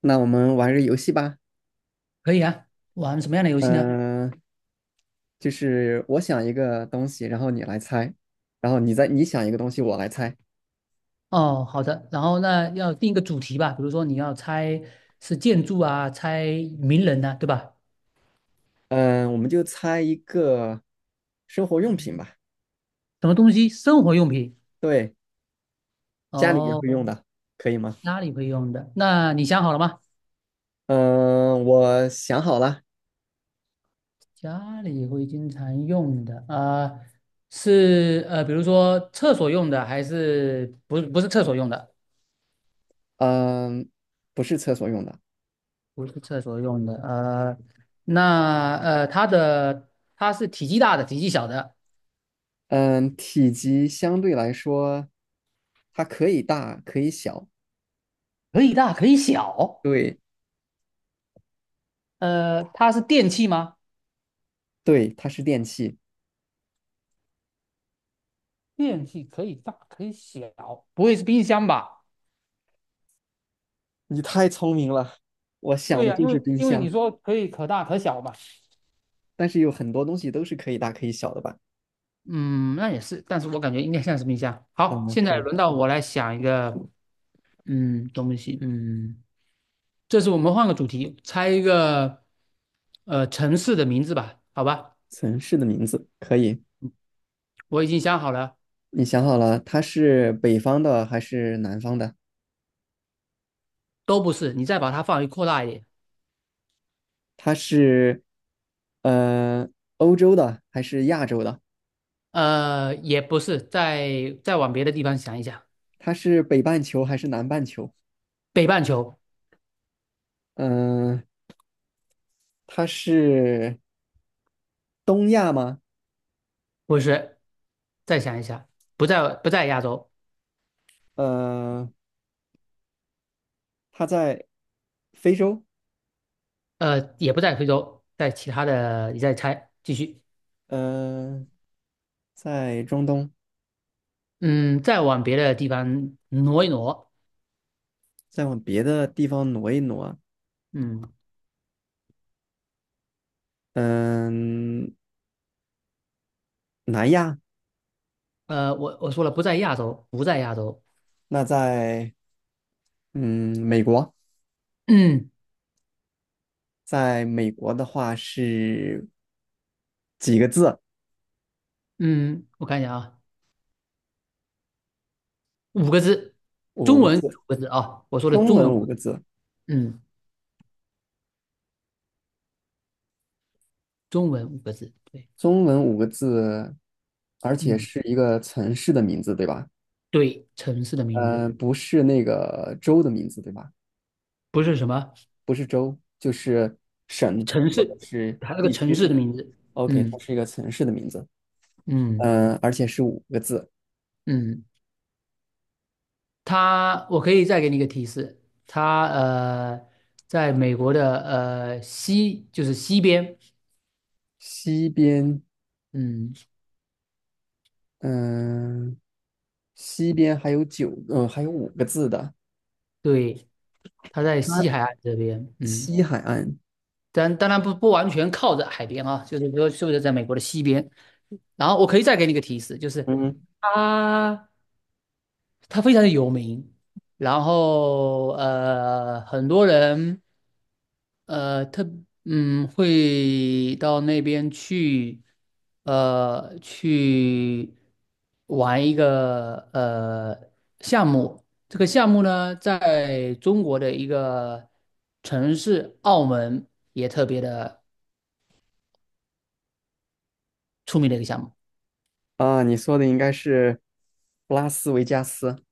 那我们玩个游戏吧。可以啊，玩什么样的游戏呢？嗯、就是我想一个东西，然后你来猜，然后你想一个东西，我来猜。哦，好的，然后那要定一个主题吧，比如说你要猜是建筑啊，猜名人呐、对吧？嗯、我们就猜一个生活用品吧，什么东西？生活用品。对，家里面哦，会用的，可以吗？家里会用的。那你想好了吗？嗯、我想好了，家里会经常用的啊、是比如说厕所用的，还是不是厕所用的？嗯、不是厕所用的，不是厕所用的。那它是体积大的，体积小的，嗯、体积相对来说，它可以大，可以小，可以大可以小。对，它是电器吗？对，它是电器。电器可以大可以小，不会是冰箱吧？你太聪明了，我想对的呀、就因是为冰因为你箱。说可以可大可小嘛。但是有很多东西都是可以大可以小的吧？嗯，那也是，但是我感觉应该像是冰箱。好，嗯，现可在以。轮到我来想一个，嗯，东西，这次我们换个主题，猜一个，城市的名字吧，好吧？城市的名字可以，我已经想好了，你想好了，它是北方的还是南方的？都不是，你再把它范围扩大一点，它是呃欧洲的还是亚洲的？也不是，再往别的地方想一想，它是北半球还是南半球？北半球。嗯、它是东亚吗？不是，再想一想，不在亚洲，呃，它在非洲，也不在非洲，在其他的，你再猜，继续，嗯、在中东，嗯，再往别的地方挪一挪，再往别的地方挪一挪啊，嗯，嗯、南亚。我说了不在亚洲，不在亚洲，那在美国，嗯在美国的话是几个字？嗯，我看一下啊，五个字，五中个文五字，个字啊，我说的中中文文五五个个字，字，嗯，中文五个字，对，中文五个字，而且嗯，是一个城市的名字，对吧？对，城市的名字不是那个州的名字，对吧？不是什么不是州，就是省城或者市，是它是个地城区。市的名字，OK，它嗯是一个城市的名字，嗯而且是五个字。嗯，它，我可以再给你一个提示，它在美国的西，就是西边，西边，嗯，嗯、西边还有九，还有五个字的。对，它在它西海岸这边，嗯，西海岸但当然不完全靠着海边啊，就是说是不是在美国的西边？然后我可以再给你一个提示，就是嗯，它它非常的有名，然后很多人。呃，特会到那边去，去玩一个项目。这个项目呢，在中国的一个城市澳门也特别的出名的一个项目。啊，你说的应该是拉斯维加斯，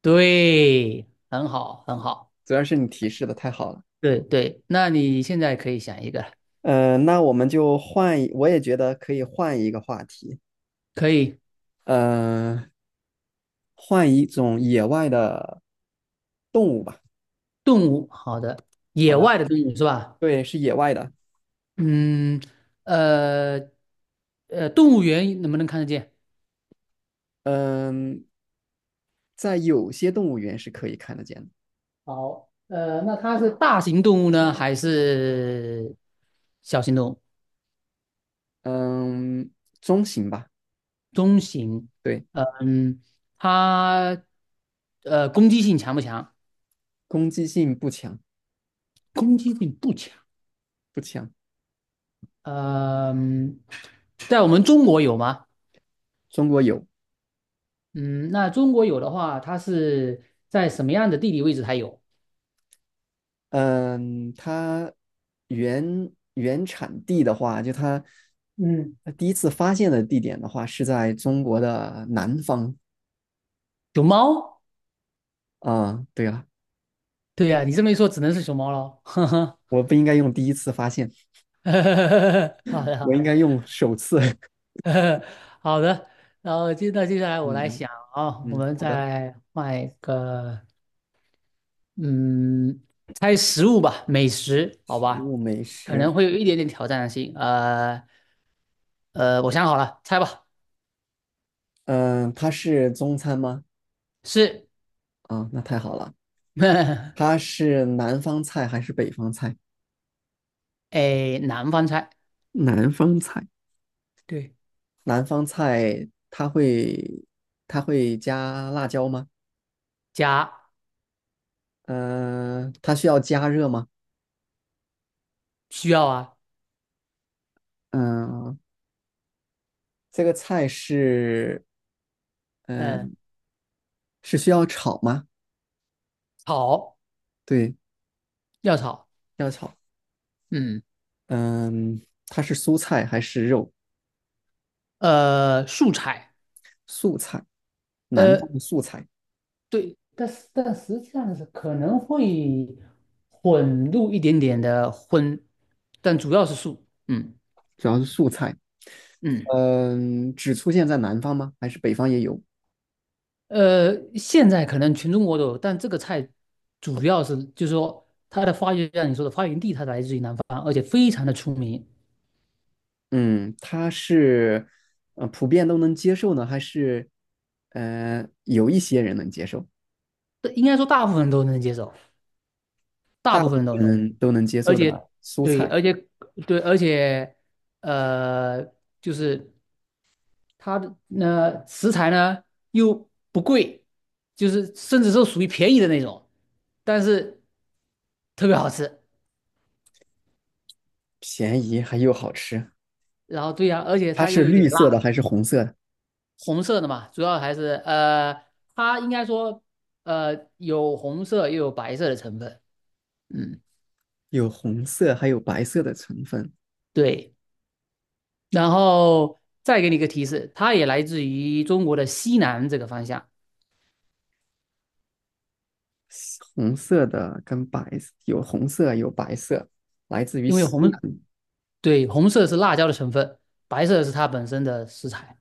对，很好，很好。主要是你提示的太好了。对对，那你现在可以想一个，嗯，那我们就换一，我也觉得可以换一个话题，可以嗯，换一种野外的动物吧。动物，好的，好野的，外的动物是吧？对，是野外的。嗯，呃，动物园能不能看得见？嗯、在有些动物园是可以看得见的。好，那它是大型动物呢，还是小型动物？嗯、中型吧，中型，对，嗯，它攻击性强不强？攻击性不强，攻击性不强。不强。嗯，在我们中国有吗？中国有，嗯，那中国有的话，它是在什么样的地理位置才有？嗯，它原产地的话，就它嗯，它第一次发现的地点的话，是在中国的南方熊猫？啊。对了，对呀、你这么一说，只能是熊猫喽。我不应该用第一次发现，好的，好我应的。该用首次。好的，然后那接下来我嗯来想啊，我嗯，们好的。再换一个，嗯，猜食物吧，美食，好食吧，物美可食，能会有一点点挑战性。我想好了，猜吧，嗯，它是中餐吗？是，啊，那太好了。它是南方菜还是北方菜？哎，南方菜，南方菜，对，南方菜它会加辣椒吗？加它需要加热吗？需要啊，嗯、这个菜是，嗯、嗯、是需要炒吗？炒对，要炒，要炒。嗯，嗯、它是蔬菜还是肉？素菜，素菜，南方呃，的素菜，对，但实际上是可能会混入一点点的荤，但主要是素。嗯主要是素菜。嗯，只出现在南方吗？还是北方也有？现在可能全中国都有，但这个菜主要是就是说它的发源，像你说的发源地，它来自于南方，而且非常的出名。嗯，它是，普遍都能接受呢，还是，有一些人能接受，这应该说大部分人都能接受，大大部分部人都分能接受，人都能接而受的且蔬对，菜，而且对，而且呃，就是。它的食材呢又不贵，就是甚至是属于便宜的那种，但是特别好吃。便宜还又好吃。然后对呀、而且它它又是有点绿色的辣，还是红色的？红色的嘛，主要还是它应该说有红色又有白色的成分，嗯，有红色，还有白色的成分。对。然后再给你一个提示，它也来自于中国的西南这个方向，红色的跟白有红色，有白色，来自于因为西红，南。对，红色是辣椒的成分，白色是它本身的食材。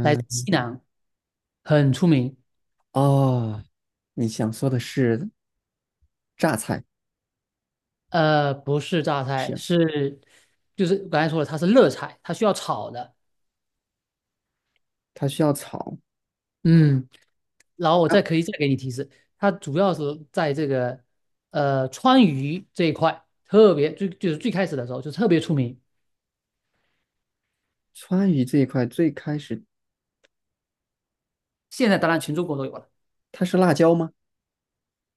来自西南，很出名。哦，你想说的是榨菜，不是榨菜，是就是我刚才说了，它是热菜，它需要炒的。它需要炒。嗯，然后我再可以啊再给你提示，它主要是在这个川渝这一块特别最就是最开始的时候就特别出名，川渝这一块最开始现在当然全中国都有了。它是辣椒吗？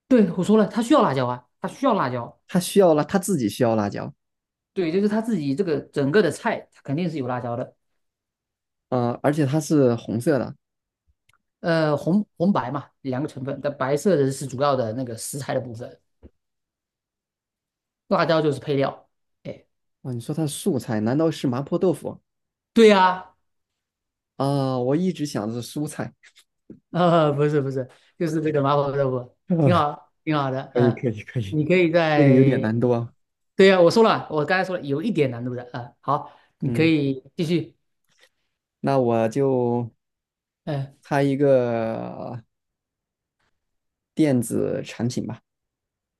对，我说了，它需要辣椒啊，它需要辣椒。它需要辣，它自己需要辣椒。对，就是它自己这个整个的菜，它肯定是有辣椒的。啊，而且它是红色的。红白嘛，两个成分，但白色的是主要的那个食材的部分。辣椒就是配料。哎，哦，你说它是素菜，难道是麻婆豆腐？对呀、啊、我一直想的是蔬菜。不是不是，就是这个麻婆豆腐，挺 啊，好，挺好的。可以嗯，可以可以，你可以这个有点在，难度啊。对呀、我说了，我刚才说了，有一点难度的。啊、好，你可嗯，以继续。那我就嗯，猜一个电子产品吧。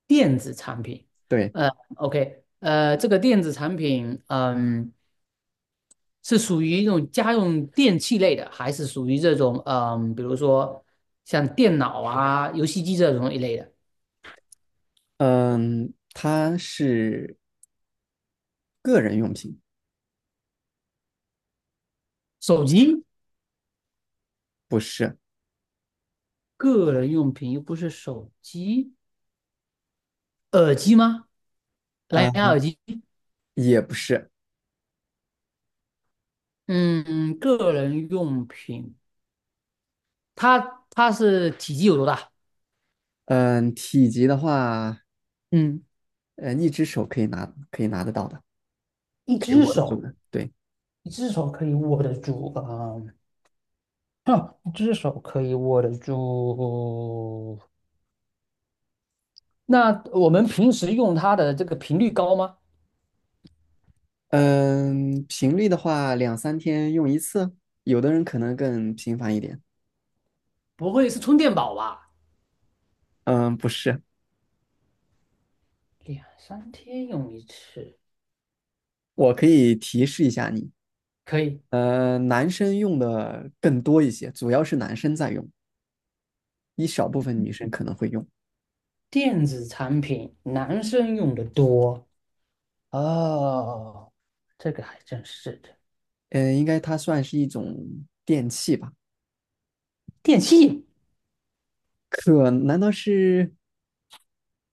电子产品，对，呃，OK,这个电子产品，嗯，是属于那种家用电器类的，还是属于这种，嗯，比如说像电脑啊、游戏机这种一类的？嗯，它是个人用品，手机？不是，个人用品，又不是手机，耳机吗？啊、蓝牙耳机？也不是。嗯，个人用品，它是体积有多大？嗯，体积的话，嗯，嗯，一只手可以拿，可以拿得到的，一可以只握得住手，的。对，一只手可以握得住啊，哼，一只手可以握得住。那我们平时用它的这个频率高吗？嗯，频率的话，两三天用一次，有的人可能更频繁一点。不会是充电宝吧？嗯，不是，两三天用一次，我可以提示一下你。可以，男生用的更多一些，主要是男生在用，一小部分女生可能会用。电子产品男生用的多，哦，这个还真是的。应该它算是一种电器吧？电器，可难道是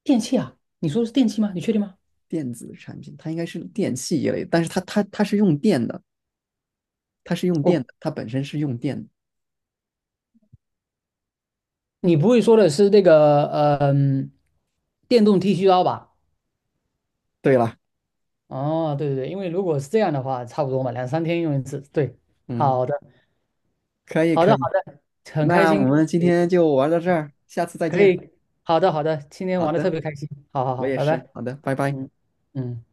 电器啊，你说的是电器吗？你确定吗？电子产品？它应该是电器一类，但是它是用电的，它是用电我，的，它本身是用电的。你不会说的是那个，嗯、电动剃须刀吧？对了，哦，对对对，因为如果是这样的话，差不多嘛，两三天用一次。对，嗯，好的，可以好的，可以，好的，很开那我心，们今可以，天就玩到这儿，下次再可见。以好的，好的，今天好玩的特的，别开心。好好我好，也拜拜。是，好的，拜拜。嗯嗯。